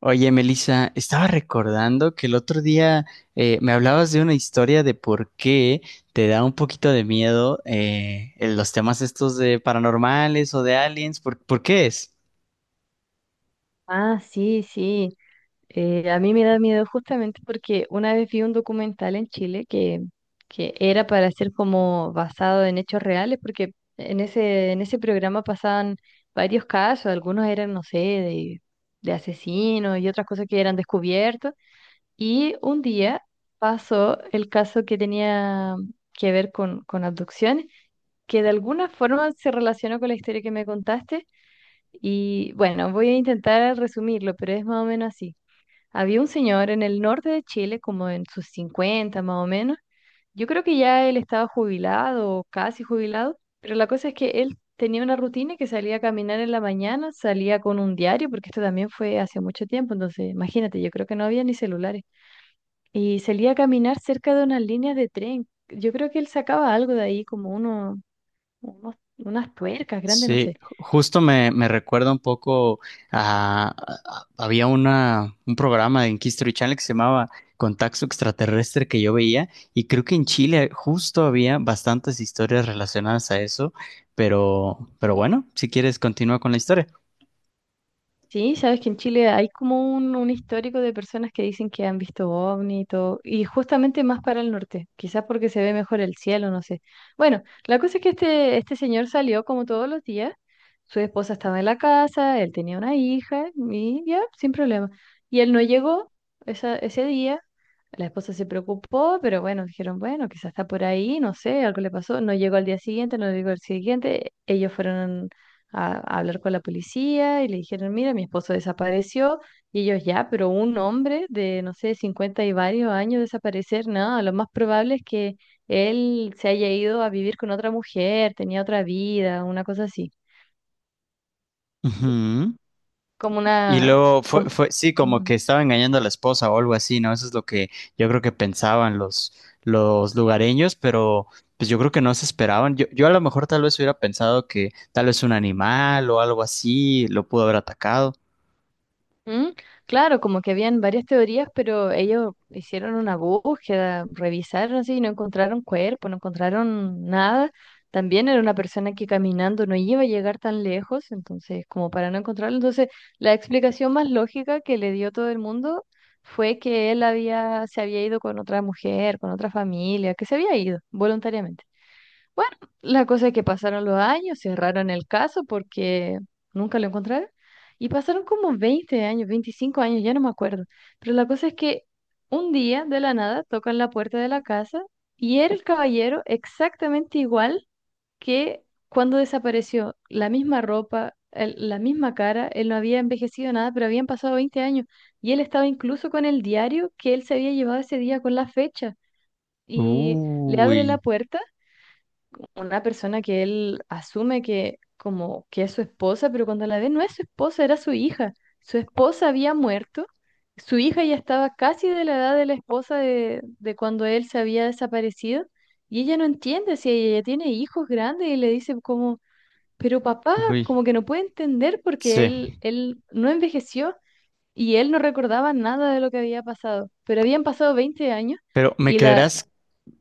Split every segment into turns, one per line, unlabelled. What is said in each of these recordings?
Oye, Melissa, estaba recordando que el otro día me hablabas de una historia de por qué te da un poquito de miedo en los temas estos de paranormales o de aliens. ¿Por qué es?
Ah, sí, sí. A mí me da miedo justamente porque una vez vi un documental en Chile que era para ser como basado en hechos reales, porque en en ese programa pasaban varios casos, algunos eran, no sé, de asesinos y otras cosas que eran descubiertos. Y un día pasó el caso que tenía que ver con abducciones, que de alguna forma se relacionó con la historia que me contaste y bueno, voy a intentar resumirlo, pero es más o menos así. Había un señor en el norte de Chile, como en sus 50 más o menos. Yo creo que ya él estaba jubilado o casi jubilado, pero la cosa es que él tenía una rutina que salía a caminar en la mañana, salía con un diario, porque esto también fue hace mucho tiempo, entonces imagínate, yo creo que no había ni celulares. Y salía a caminar cerca de unas líneas de tren. Yo creo que él sacaba algo de ahí, como uno, unas tuercas grandes, no
Sí,
sé.
justo me recuerda un poco a, había un programa en History Channel que se llamaba Contacto Extraterrestre que yo veía, y creo que en Chile justo había bastantes historias relacionadas a eso, pero bueno, si quieres continúa con la historia.
Sí, sabes que en Chile hay como un histórico de personas que dicen que han visto ovni y todo, y justamente más para el norte, quizás porque se ve mejor el cielo, no sé. Bueno, la cosa es que este señor salió como todos los días, su esposa estaba en la casa, él tenía una hija, y ya, sin problema. Y él no llegó ese día. La esposa se preocupó, pero bueno, dijeron, bueno, quizás está por ahí, no sé, algo le pasó. No llegó al día siguiente, no llegó al siguiente. Ellos fueron a hablar con la policía y le dijeron, mira, mi esposo desapareció. Y ellos ya, pero un hombre de, no sé, 50 y varios años desaparecer, no, lo más probable es que él se haya ido a vivir con otra mujer, tenía otra vida, una cosa así.
Ujú.
Como
Y
una...
luego
Como...
fue, sí, como
Ujú.
que estaba engañando a la esposa o algo así, ¿no? Eso es lo que yo creo que pensaban los lugareños, pero pues yo creo que no se esperaban. Yo a lo mejor tal vez hubiera pensado que tal vez un animal o algo así lo pudo haber atacado.
Mm, Claro, como que habían varias teorías, pero ellos hicieron una búsqueda, revisaron así y no encontraron cuerpo, no encontraron nada. También era una persona que caminando no iba a llegar tan lejos, entonces como para no encontrarlo. Entonces, la explicación más lógica que le dio todo el mundo fue que él se había ido con otra mujer, con otra familia, que se había ido voluntariamente. Bueno, la cosa es que pasaron los años, cerraron el caso porque nunca lo encontraron. Y pasaron como 20 años, 25 años, ya no me acuerdo. Pero la cosa es que un día, de la nada, tocan la puerta de la casa y era el caballero exactamente igual que cuando desapareció. La misma ropa, la misma cara, él no había envejecido nada, pero habían pasado 20 años. Y él estaba incluso con el diario que él se había llevado ese día con la fecha. Y le abre la
Uy,
puerta una persona que él asume que como que es su esposa, pero cuando la ve no es su esposa, era su hija. Su esposa había muerto, su hija ya estaba casi de la edad de la esposa de cuando él se había desaparecido y ella no entiende si ella ya tiene hijos grandes y le dice como, pero papá,
uy,
como que no puede entender porque
sí.
él no envejeció y él no recordaba nada de lo que había pasado, pero habían pasado 20 años
Pero ¿me
y la...
creerás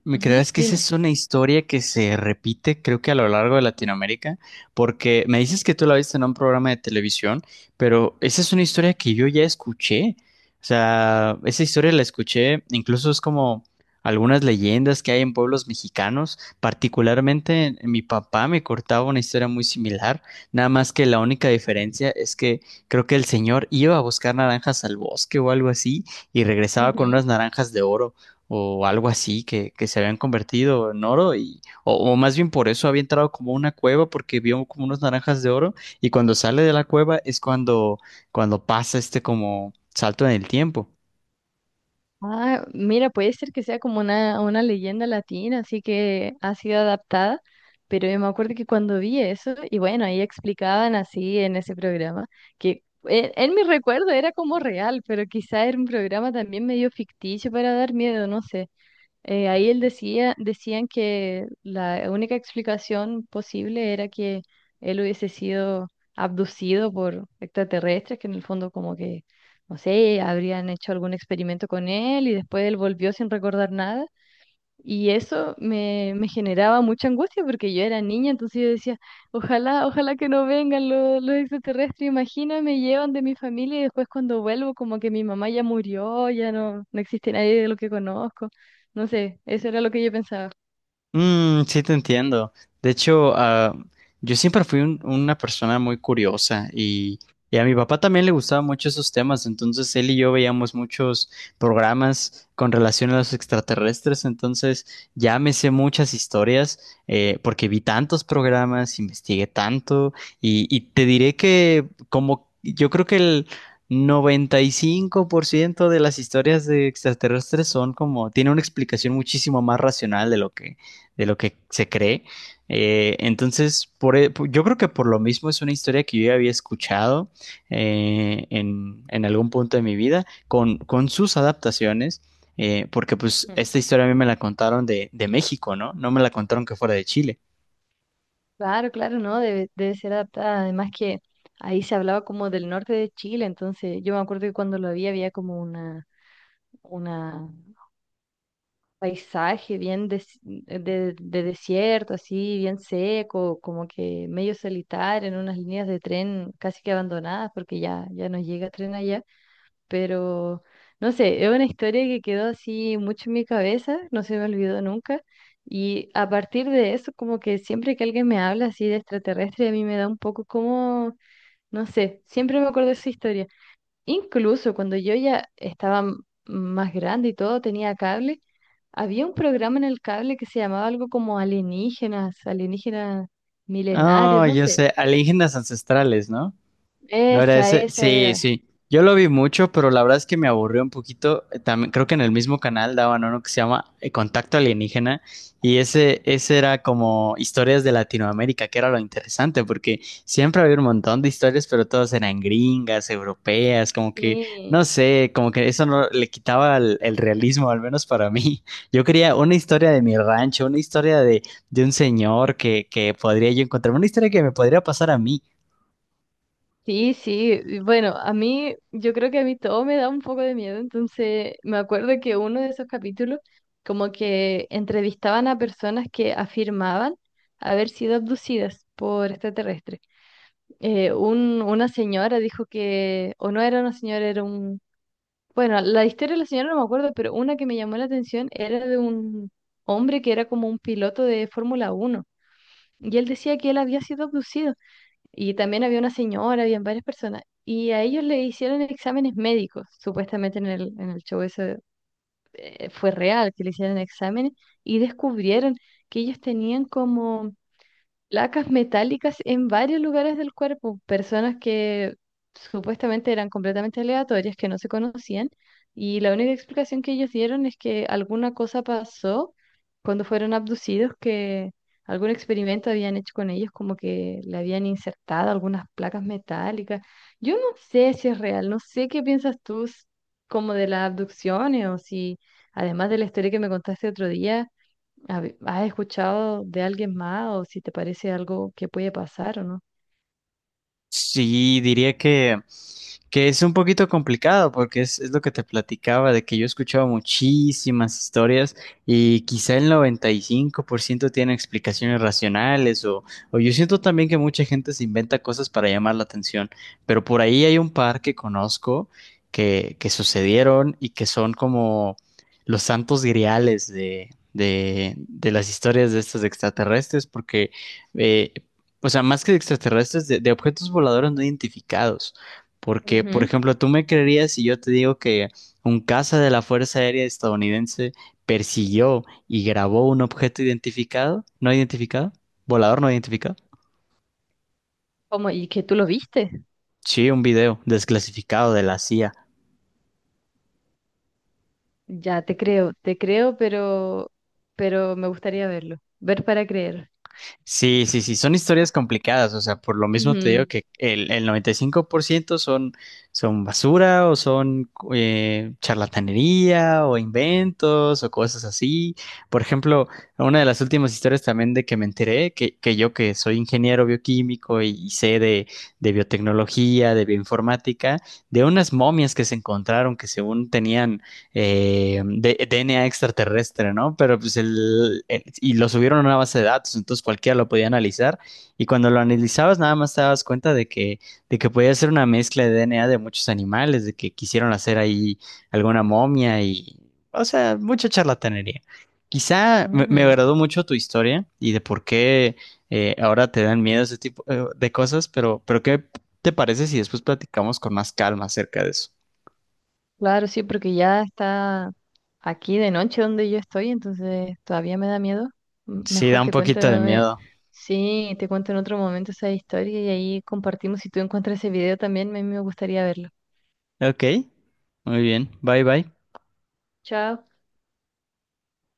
Me
Ujú,
creerás que esa
dime.
es una historia que se repite, creo que a lo largo de Latinoamérica, porque me dices que tú la viste en un programa de televisión, pero esa es una historia que yo ya escuché? O sea, esa historia la escuché, incluso es como algunas leyendas que hay en pueblos mexicanos. Particularmente, en mi papá me cortaba una historia muy similar, nada más que la única diferencia es que creo que el señor iba a buscar naranjas al bosque o algo así y regresaba con
Ujú.
unas naranjas de oro, o algo así que se habían convertido en oro, y o más bien por eso había entrado como a una cueva porque vio como unas naranjas de oro, y cuando sale de la cueva es cuando cuando pasa este como salto en el tiempo.
Ah, mira, puede ser que sea como una leyenda latina, así que ha sido adaptada, pero yo me acuerdo que cuando vi eso, y bueno, ahí explicaban así en ese programa, que en mi recuerdo era como real, pero quizá era un programa también medio ficticio para dar miedo, no sé. Ahí decían que la única explicación posible era que él hubiese sido abducido por extraterrestres, que en el fondo como que, no sé, habrían hecho algún experimento con él y después él volvió sin recordar nada y eso me generaba mucha angustia porque yo era niña, entonces yo decía, ojalá, ojalá que no vengan los extraterrestres, imagina, me llevan de mi familia y después cuando vuelvo como que mi mamá ya murió, ya no, no existe nadie de lo que conozco. No sé, eso era lo que yo pensaba.
Mm, sí, te entiendo. De hecho, yo siempre fui una persona muy curiosa y a mi papá también le gustaban mucho esos temas, entonces él y yo veíamos muchos programas con relación a los extraterrestres, entonces ya me sé muchas historias, porque vi tantos programas, investigué tanto, y te diré que como yo creo que el 95% de las historias de extraterrestres son como, tiene una explicación muchísimo más racional de lo que se cree. Entonces, yo creo que por lo mismo es una historia que yo ya había escuchado, en algún punto de mi vida con sus adaptaciones, porque pues
Mm.
esta historia a mí me la contaron de México, ¿no? No me la contaron que fuera de Chile.
Claro, claro, no, debe ser adaptada. Además que ahí se hablaba como del norte de Chile, entonces yo me acuerdo que cuando lo vi había como una paisaje bien de desierto, así bien seco, como que medio solitario, en unas líneas de tren casi que abandonadas porque ya, ya no llega tren allá, pero no sé, es una historia que quedó así mucho en mi cabeza, no se me olvidó nunca. Y a partir de eso, como que siempre que alguien me habla así de extraterrestre, a mí me da un poco como, no sé, siempre me acuerdo de esa historia. Incluso cuando yo ya estaba más grande y todo, tenía cable, había un programa en el cable que se llamaba algo como alienígenas, alienígenas milenarios,
Ah,
no
yo
sé.
sé, alienígenas ancestrales, ¿no? ¿No era
Esa,
ese?
esa
Sí,
era.
sí. Yo lo vi mucho, pero la verdad es que me aburrió un poquito. También creo que en el mismo canal daban uno que se llama Contacto Alienígena, y ese era como historias de Latinoamérica, que era lo interesante, porque siempre había un montón de historias, pero todas eran gringas, europeas, como que,
Sí,
no sé, como que eso no le quitaba el realismo, al menos para mí. Yo quería una historia de mi rancho, una historia de un señor que podría yo encontrar, una historia que me podría pasar a mí.
sí, sí. Bueno, a mí, yo creo que a mí todo me da un poco de miedo, entonces me acuerdo que uno de esos capítulos como que entrevistaban a personas que afirmaban haber sido abducidas por extraterrestres. Una señora dijo que, o no era una señora, era un... Bueno, la historia de la señora no me acuerdo, pero una que me llamó la atención era de un hombre que era como un piloto de Fórmula 1. Y él decía que él había sido abducido. Y también había una señora, habían varias personas. Y a ellos le hicieron exámenes médicos, supuestamente en en el show eso fue real, que le hicieron exámenes y descubrieron que ellos tenían como placas metálicas en varios lugares del cuerpo, personas que supuestamente eran completamente aleatorias, que no se conocían, y la única explicación que ellos dieron es que alguna cosa pasó cuando fueron abducidos, que algún experimento habían hecho con ellos, como que le habían insertado algunas placas metálicas. Yo no sé si es real, no sé qué piensas tú como de las abducciones o si, además de la historia que me contaste otro día, ¿Has escuchado de alguien más o si te parece algo que puede pasar o no?
Sí, diría que es un poquito complicado porque es lo que te platicaba, de que yo he escuchado muchísimas historias, y quizá el 95% tiene explicaciones racionales, o yo siento también que mucha gente se inventa cosas para llamar la atención, pero por ahí hay un par que conozco que sucedieron y que son como los santos griales de, de las historias de estos extraterrestres porque... eh, o sea, más que de extraterrestres, de objetos voladores no identificados. Porque, por
Ujú.
ejemplo, tú me creerías si yo te digo que un caza de la Fuerza Aérea estadounidense persiguió y grabó un objeto identificado, no identificado, volador no identificado.
¿Cómo? ¿Y que tú lo viste?
Sí, un video desclasificado de la CIA.
Ya, te creo, pero me gustaría verlo. Ver para creer.
Sí, sí, sí, son historias complicadas, o sea, por lo mismo te digo
Ujú.
que el 95% son, son basura, o son charlatanería o inventos o cosas así. Por ejemplo, una de las últimas historias también de que me enteré, que yo que soy ingeniero bioquímico y sé de biotecnología, de bioinformática, de unas momias que se encontraron que según tenían DNA extraterrestre, ¿no? Pero pues y lo subieron a una base de datos, entonces cualquiera lo podía analizar, y cuando lo analizabas nada más te dabas cuenta de que podía ser una mezcla de DNA de muchos animales, de que quisieron hacer ahí alguna momia y, o sea, mucha charlatanería. Quizá me
Ujú.
agradó mucho tu historia y de por qué ahora te dan miedo ese tipo de cosas, pero ¿qué te parece si después platicamos con más calma acerca de eso?
Claro, sí, porque ya está aquí de noche donde yo estoy, entonces todavía me da miedo.
Sí, da
Mejor
un
te cuento,
poquito de miedo.
sí, te cuento en otro momento esa historia y ahí compartimos. Si tú encuentras ese video también, a mí me gustaría verlo.
Ok, muy bien. Bye bye.
Chao.